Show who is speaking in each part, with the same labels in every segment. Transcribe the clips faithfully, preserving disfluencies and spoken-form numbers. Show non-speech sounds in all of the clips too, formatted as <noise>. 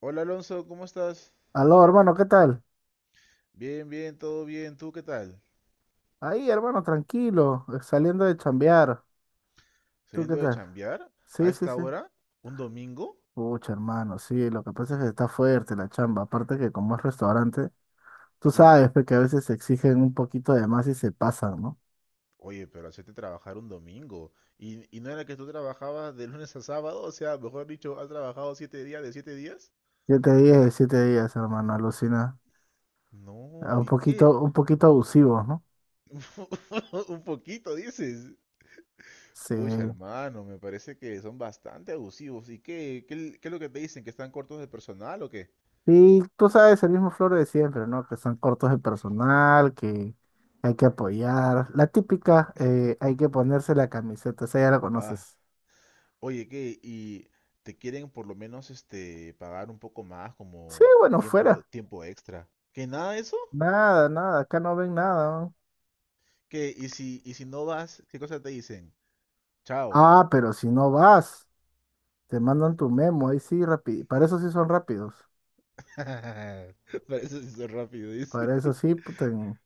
Speaker 1: Hola Alonso, ¿cómo estás?
Speaker 2: Aló, hermano, ¿qué tal?
Speaker 1: Bien, bien, todo bien. ¿Tú qué tal?
Speaker 2: Ahí, hermano, tranquilo, eh, saliendo de chambear. ¿Tú qué
Speaker 1: ¿Saliendo de
Speaker 2: tal?
Speaker 1: chambear? ¿A
Speaker 2: Sí, sí,
Speaker 1: esta
Speaker 2: sí.
Speaker 1: hora? ¿Un domingo?
Speaker 2: Pucha, hermano, sí, lo que pasa es que está fuerte la chamba. Aparte que como es restaurante, tú
Speaker 1: Sí.
Speaker 2: sabes pe, que a veces se exigen un poquito de más y se pasan, ¿no?
Speaker 1: Oye, pero hacerte trabajar un domingo. ¿Y, y no era que tú trabajabas de lunes a sábado? O sea, mejor dicho, ¿has trabajado siete días de siete días?
Speaker 2: Siete días de siete días, hermano, alucina. Ah,
Speaker 1: No,
Speaker 2: un
Speaker 1: ¿y qué?
Speaker 2: poquito, un poquito abusivos, ¿no?
Speaker 1: <laughs> Un poquito, dices.
Speaker 2: Sí.
Speaker 1: Pucha, hermano, me parece que son bastante abusivos. ¿Y qué, qué, qué es lo que te dicen? ¿Que están cortos de personal o qué?
Speaker 2: Sí, tú sabes, el mismo floro de siempre, ¿no? Que son cortos de personal, que hay que apoyar. La típica, eh, hay que ponerse la camiseta, esa ya la
Speaker 1: Ah.
Speaker 2: conoces.
Speaker 1: Oye, ¿qué? ¿Y te quieren por lo menos este pagar un poco más
Speaker 2: Sí,
Speaker 1: como
Speaker 2: bueno,
Speaker 1: tiempo
Speaker 2: fuera.
Speaker 1: tiempo extra? ¿Que nada de eso?
Speaker 2: Nada, nada, acá no ven nada, ¿no?
Speaker 1: ¿Qué? ¿Y si y si no vas, qué cosa te dicen? Chao.
Speaker 2: Ah, pero si no vas, te mandan tu memo, ahí sí, rápido. Para eso sí son rápidos.
Speaker 1: <laughs> Para eso se hizo rápido, dice.
Speaker 2: Para eso sí, puta, en-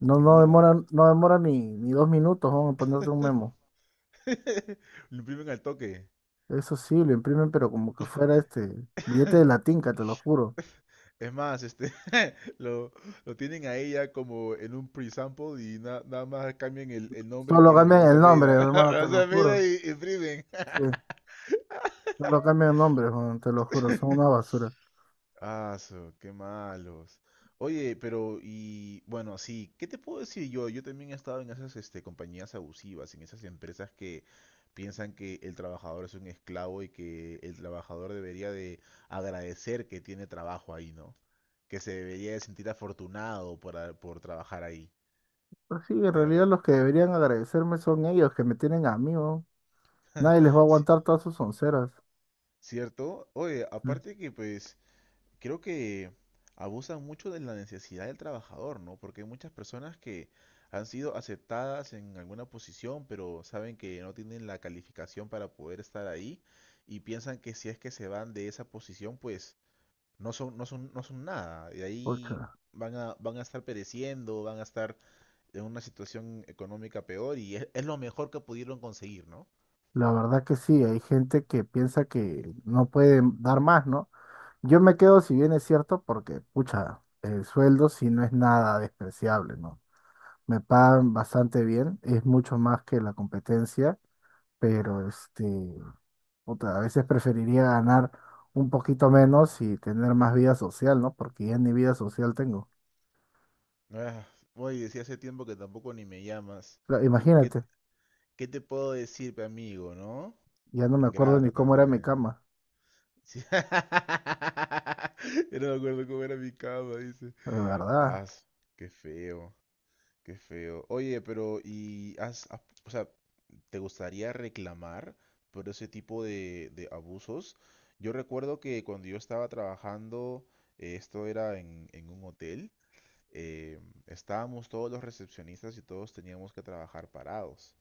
Speaker 2: no,
Speaker 1: En
Speaker 2: no
Speaker 1: una.
Speaker 2: demoran, no demoran ni, ni dos minutos, vamos a ponerte un memo.
Speaker 1: <laughs> Lo imprimen al toque.
Speaker 2: Eso sí, lo imprimen, pero como que fuera este billete de la
Speaker 1: <laughs>
Speaker 2: tinca, te lo juro.
Speaker 1: Es más, este <laughs> lo, lo tienen a ella como en un pre-sample y na- nada más cambian el, el nombre y
Speaker 2: Solo
Speaker 1: ponen
Speaker 2: cambian
Speaker 1: Alonso
Speaker 2: el nombre,
Speaker 1: Almeida. <laughs>
Speaker 2: hermano, te
Speaker 1: Alonso
Speaker 2: lo
Speaker 1: Almeida
Speaker 2: juro.
Speaker 1: y y imprimen.
Speaker 2: Sí, solo cambian el nombre, Juan, te lo juro, son una
Speaker 1: <laughs>
Speaker 2: basura.
Speaker 1: Aso, qué malos. Oye, pero y bueno, sí, ¿qué te puedo decir yo? Yo también he estado en esas este, compañías abusivas, en esas empresas que piensan que el trabajador es un esclavo y que el trabajador debería de agradecer que tiene trabajo ahí, ¿no? Que se debería de sentir afortunado por, a- por trabajar ahí,
Speaker 2: Pero sí, en
Speaker 1: de
Speaker 2: realidad
Speaker 1: verdad.
Speaker 2: los que deberían agradecerme son ellos que me tienen a mí, weón. Nadie
Speaker 1: <laughs>
Speaker 2: les va a
Speaker 1: Sí.
Speaker 2: aguantar todas sus onceras.
Speaker 1: ¿Cierto? Oye,
Speaker 2: Eh,
Speaker 1: aparte que pues creo que abusan mucho de la necesidad del trabajador, ¿no? Porque hay muchas personas que han sido aceptadas en alguna posición, pero saben que no tienen la calificación para poder estar ahí y piensan que si es que se van de esa posición, pues no son, no son, no son nada. Y ahí
Speaker 2: pucha,
Speaker 1: van a, van a estar pereciendo, van a estar en una situación económica peor y es, es lo mejor que pudieron conseguir, ¿no?
Speaker 2: la verdad que sí, hay gente que piensa que no puede dar más, ¿no? Yo me quedo, si bien es cierto, porque, pucha, el sueldo sí no es nada despreciable, ¿no? Me pagan bastante bien, es mucho más que la competencia, pero este. Puta, a veces preferiría ganar un poquito menos y tener más vida social, ¿no? Porque ya ni vida social tengo.
Speaker 1: Ah, oye, decía hace tiempo que tampoco ni me llamas.
Speaker 2: Pero
Speaker 1: ¿Qué,
Speaker 2: imagínate,
Speaker 1: ¿Qué te puedo decir, pe amigo, no?
Speaker 2: ya no me acuerdo ni
Speaker 1: Ingrata
Speaker 2: cómo era mi
Speaker 1: también.
Speaker 2: cama.
Speaker 1: Sí. <laughs> Yo no me acuerdo cómo era mi cama, dice.
Speaker 2: De
Speaker 1: Ah,
Speaker 2: verdad.
Speaker 1: qué feo, qué feo. Oye, pero ¿y has, has- o sea, te gustaría reclamar por ese tipo de, de abusos? Yo recuerdo que cuando yo estaba trabajando, eh, esto era en, en, un hotel, eh, estábamos todos los recepcionistas y todos teníamos que trabajar parados.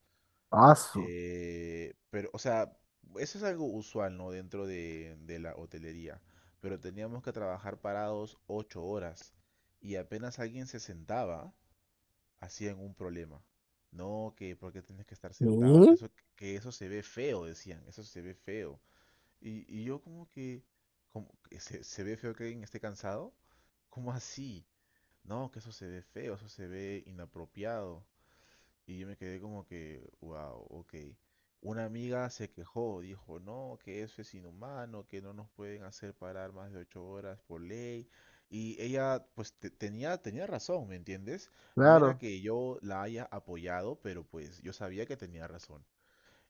Speaker 2: Asu.
Speaker 1: Eh, pero, o sea, eso es algo usual, ¿no? Dentro de, de la hotelería. Pero teníamos que trabajar parados ocho horas. Y apenas alguien se sentaba, hacían un problema. No, que por qué tienes que estar sentado, que
Speaker 2: ¿Qué?
Speaker 1: eso, que eso se ve feo, decían, eso se ve feo. Y, y yo como que, como que se, se ve feo que alguien esté cansado. ¿Cómo así? No, que eso se ve feo, eso se ve inapropiado. Y yo me quedé como que, wow, ok. Una amiga se quejó, dijo, no, que eso es inhumano, que no nos pueden hacer parar más de ocho horas por ley. Y ella, pues, te- tenía, tenía razón, ¿me entiendes? No era
Speaker 2: Claro.
Speaker 1: que yo la haya apoyado, pero pues yo sabía que tenía razón.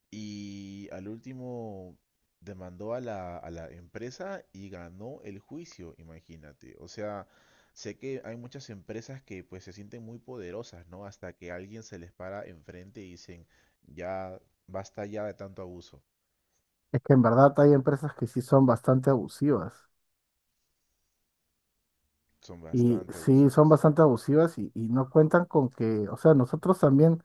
Speaker 1: Y al último demandó a la, a la empresa y ganó el juicio, imagínate. O sea, sé que hay muchas empresas que pues se sienten muy poderosas, ¿no? Hasta que alguien se les para enfrente y dicen, ya, basta ya de tanto abuso.
Speaker 2: Es que en verdad hay empresas que sí son bastante abusivas.
Speaker 1: Son
Speaker 2: Y
Speaker 1: bastante
Speaker 2: sí son
Speaker 1: abusivas.
Speaker 2: bastante abusivas y, y no cuentan con que, o sea, nosotros también.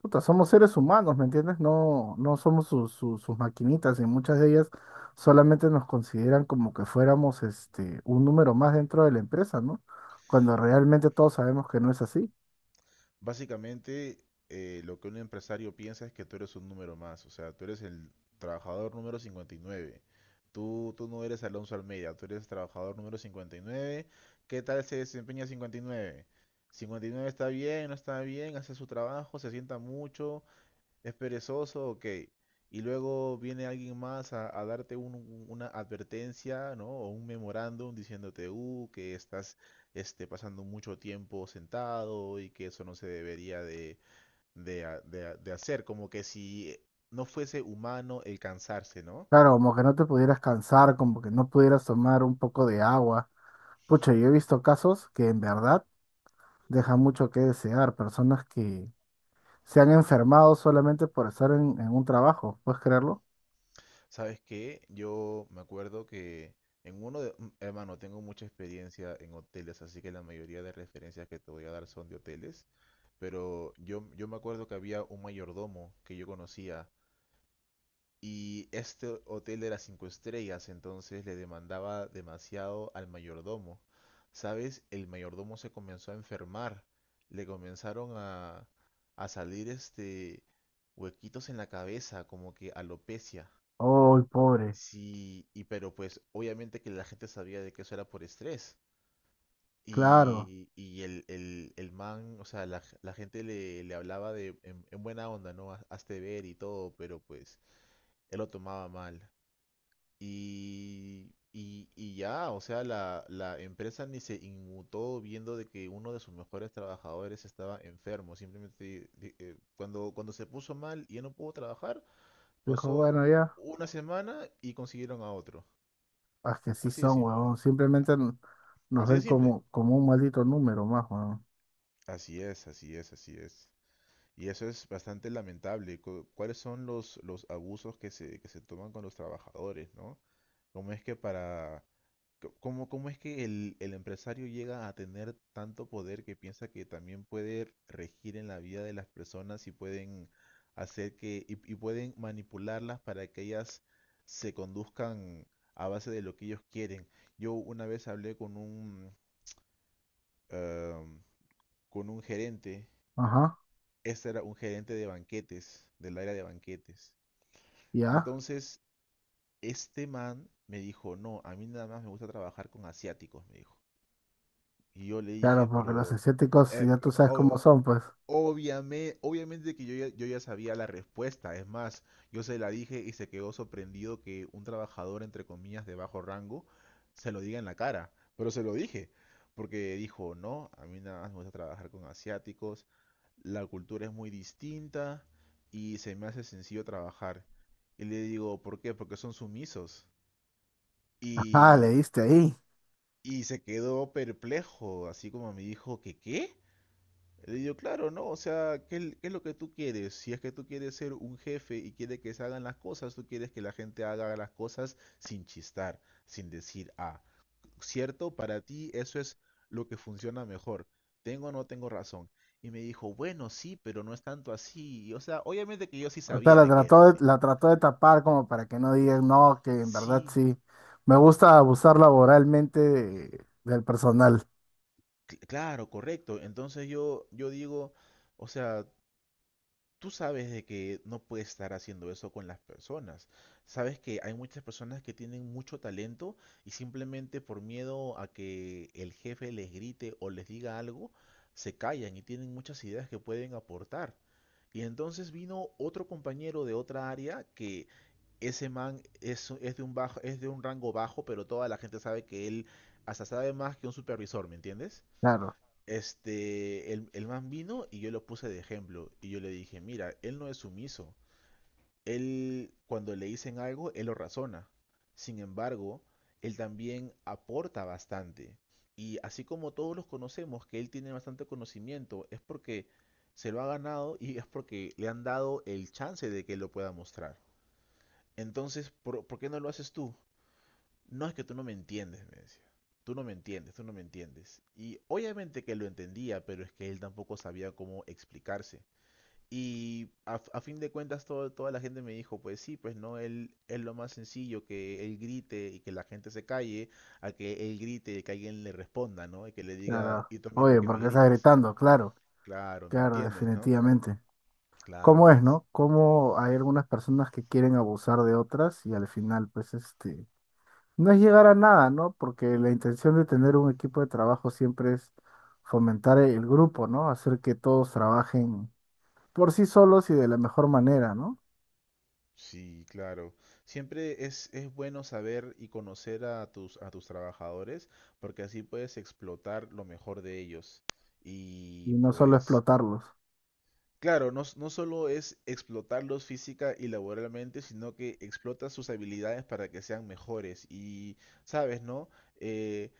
Speaker 2: Puta, somos seres humanos, ¿me entiendes? No, no somos sus, sus, sus maquinitas y muchas de ellas solamente nos consideran como que fuéramos este, un número más dentro de la empresa, ¿no? Cuando realmente todos sabemos que no es así.
Speaker 1: Básicamente, eh, lo que un empresario piensa es que tú eres un número más, o sea, tú eres el trabajador número cincuenta y nueve. Tú, tú no eres Alonso Almeida, tú eres trabajador número cincuenta y nueve. ¿Qué tal se desempeña cincuenta y nueve? cincuenta y nueve está bien, no está bien, hace su trabajo, se sienta mucho, es perezoso, ok. Y luego viene alguien más a, a darte un- un- una advertencia, ¿no? O un memorándum diciéndote, uh, que estás este, pasando mucho tiempo sentado y que eso no se debería de, de ha- de ha- de hacer. Como que si no fuese humano el cansarse, ¿no?
Speaker 2: Claro, como que no te pudieras cansar, como que no pudieras tomar un poco de agua. Pucha, yo he visto casos que en verdad dejan mucho que desear, personas que se han enfermado solamente por estar en, en un trabajo, ¿puedes creerlo?
Speaker 1: ¿Sabes qué? Yo me acuerdo que en uno de... mm, Hermano, tengo mucha experiencia en hoteles, así que la mayoría de referencias que te voy a dar son de hoteles. Pero yo, yo me acuerdo que había un mayordomo que yo conocía y este hotel era cinco estrellas, entonces le demandaba demasiado al mayordomo. ¿Sabes? El mayordomo se comenzó a enfermar, le comenzaron a, a salir este huequitos en la cabeza, como que alopecia.
Speaker 2: ¡Oh, pobre!
Speaker 1: Sí, y pero pues obviamente que la gente sabía de que eso era por estrés.
Speaker 2: Claro.
Speaker 1: Y, y el, el, el man, o sea, la, la gente le, le hablaba de, en, en buena onda, ¿no? "Haz- Hazte ver y todo, pero pues él lo tomaba mal. Y, y, y ya, o sea, la, la empresa ni se inmutó viendo de que uno de sus mejores trabajadores estaba enfermo. Simplemente di- eh, cuando, cuando, se puso mal y ya no pudo trabajar,
Speaker 2: Dijo,
Speaker 1: pasó
Speaker 2: bueno, ya.
Speaker 1: una semana y consiguieron a otro.
Speaker 2: Ah, que sí
Speaker 1: Así de
Speaker 2: son,
Speaker 1: simple.
Speaker 2: weón. Simplemente n- nos
Speaker 1: Así de
Speaker 2: ven
Speaker 1: simple.
Speaker 2: como, como un maldito número más, weón.
Speaker 1: Así es, así es, así es. Y eso es bastante lamentable. Cu- ¿Cuáles son los, los, abusos que se, que se toman con los trabajadores, no? ¿Cómo es que para... co- ¿Cómo, cómo es que el, el empresario llega a tener tanto poder que piensa que también puede regir en la vida de las personas y pueden hacer que... y, y pueden manipularlas para que ellas se conduzcan a base de lo que ellos quieren? Yo una vez hablé con un, eh, con un gerente,
Speaker 2: Ajá,
Speaker 1: este era un gerente de banquetes, del área de banquetes.
Speaker 2: ya.
Speaker 1: Entonces, este man me dijo, no, a mí nada más me gusta trabajar con asiáticos, me dijo. Y yo le
Speaker 2: Claro,
Speaker 1: dije,
Speaker 2: porque los
Speaker 1: pero...
Speaker 2: asiáticos
Speaker 1: eh,
Speaker 2: ya
Speaker 1: p-
Speaker 2: tú sabes cómo
Speaker 1: o-
Speaker 2: son, pues.
Speaker 1: Obviamente, obviamente que yo ya, yo ya sabía la respuesta. Es más, yo se la dije y se quedó sorprendido que un trabajador, entre comillas, de bajo rango, se lo diga en la cara. Pero se lo dije, porque dijo, no, a mí nada más me gusta trabajar con asiáticos, la cultura es muy distinta y se me hace sencillo trabajar. Y le digo, ¿por qué? Porque son sumisos.
Speaker 2: Ajá,
Speaker 1: Y,
Speaker 2: leíste ahí.
Speaker 1: y se quedó perplejo, así como me dijo, ¿que qué? Le digo, claro, ¿no? O sea, ¿qué, es- qué es lo que tú quieres? Si es que tú quieres ser un jefe y quieres que se hagan las cosas, tú quieres que la gente haga las cosas sin chistar, sin decir, ah, ¿cierto? Para ti eso es lo que funciona mejor. ¿Tengo o no tengo razón? Y me dijo, bueno, sí, pero no es tanto así. Y, O sea, obviamente que yo sí
Speaker 2: O sea,
Speaker 1: sabía
Speaker 2: la
Speaker 1: de que era
Speaker 2: trató de,
Speaker 1: así.
Speaker 2: la trató de tapar como para que no digan, no, que en verdad
Speaker 1: Sí,
Speaker 2: sí. Me gusta abusar laboralmente de- del personal.
Speaker 1: cl- claro, correcto. Entonces yo, yo digo, o sea, tú sabes de que no puedes estar haciendo eso con las personas. Sabes que hay muchas personas que tienen mucho talento y simplemente por miedo a que el jefe les grite o les diga algo, se callan y tienen muchas ideas que pueden aportar. Y entonces vino otro compañero de otra área que ese man es, es de un bajo, es de un rango bajo, pero toda la gente sabe que él hasta sabe más que un supervisor, ¿me entiendes?
Speaker 2: Claro,
Speaker 1: Este, el, el man vino y yo lo puse de ejemplo. Y yo le dije, mira, él no es sumiso. Él, cuando le dicen algo, él lo razona. Sin embargo, él también aporta bastante. Y así como todos los conocemos, que él tiene bastante conocimiento, es porque se lo ha ganado y es porque le han dado el chance de que lo pueda mostrar. Entonces, ¿por, por qué no lo haces tú? No es que tú no me entiendes, me decía. Tú no me entiendes, tú no me entiendes. Y obviamente que lo entendía, pero es que él tampoco sabía cómo explicarse. Y a, a fin de cuentas todo- toda la gente me dijo, pues sí, pues no, él es lo más sencillo que él grite y que la gente se calle, a que él grite y que alguien le responda, ¿no? Y que le diga,
Speaker 2: claro.
Speaker 1: ¿y tú a mí por
Speaker 2: Oye,
Speaker 1: qué me
Speaker 2: ¿por qué estás
Speaker 1: gritas?
Speaker 2: gritando? Claro,
Speaker 1: Claro, ¿me
Speaker 2: claro,
Speaker 1: entiendes, no?
Speaker 2: definitivamente.
Speaker 1: Claro,
Speaker 2: ¿Cómo es,
Speaker 1: pues.
Speaker 2: no? ¿Cómo hay algunas personas que quieren abusar de otras y al final, pues, este... no es llegar a nada, ¿no? Porque la intención de tener un equipo de trabajo siempre es fomentar el grupo, ¿no? Hacer que todos trabajen por sí solos y de la mejor manera, ¿no?
Speaker 1: Sí, claro. Siempre es, es bueno saber y conocer a tus, a tus, trabajadores porque así puedes explotar lo mejor de ellos. Y
Speaker 2: Y no solo
Speaker 1: pues
Speaker 2: explotarlos.
Speaker 1: claro, no, s- no solo es explotarlos física y laboralmente, sino que explota sus habilidades para que sean mejores. Y, sabes, ¿no? Eh,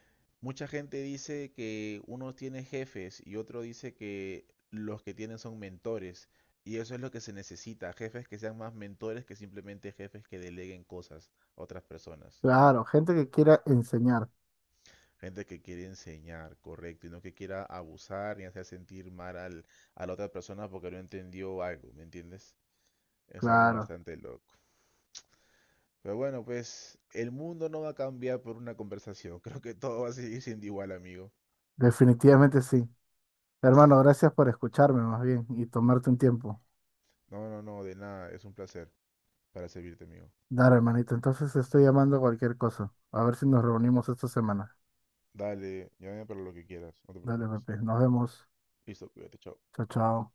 Speaker 1: Mucha gente dice que uno tiene jefes y otro dice que los que tienen son mentores. Y eso es lo que se necesita, jefes que sean más mentores que simplemente jefes que deleguen cosas a otras personas.
Speaker 2: Claro, gente que quiera enseñar.
Speaker 1: Gente que quiere enseñar, correcto, y no que quiera abusar ni hacer sentir mal al- a la otra persona porque no entendió algo, ¿me entiendes? Es algo
Speaker 2: Claro,
Speaker 1: bastante loco. Pero bueno, pues el mundo no va a cambiar por una conversación. <laughs> Creo que todo va a seguir siendo igual, amigo.
Speaker 2: definitivamente sí. Hermano, gracias por escucharme más bien y tomarte un tiempo.
Speaker 1: No, no, no, de nada. Es un placer para servirte, amigo.
Speaker 2: Dale, hermanito. Entonces estoy llamando a cualquier cosa. A ver si nos reunimos esta semana.
Speaker 1: Dale, llámame para lo que quieras. No te
Speaker 2: Dale,
Speaker 1: preocupes.
Speaker 2: Pepe. Nos vemos.
Speaker 1: Listo, cuídate, chao.
Speaker 2: Chao, chao.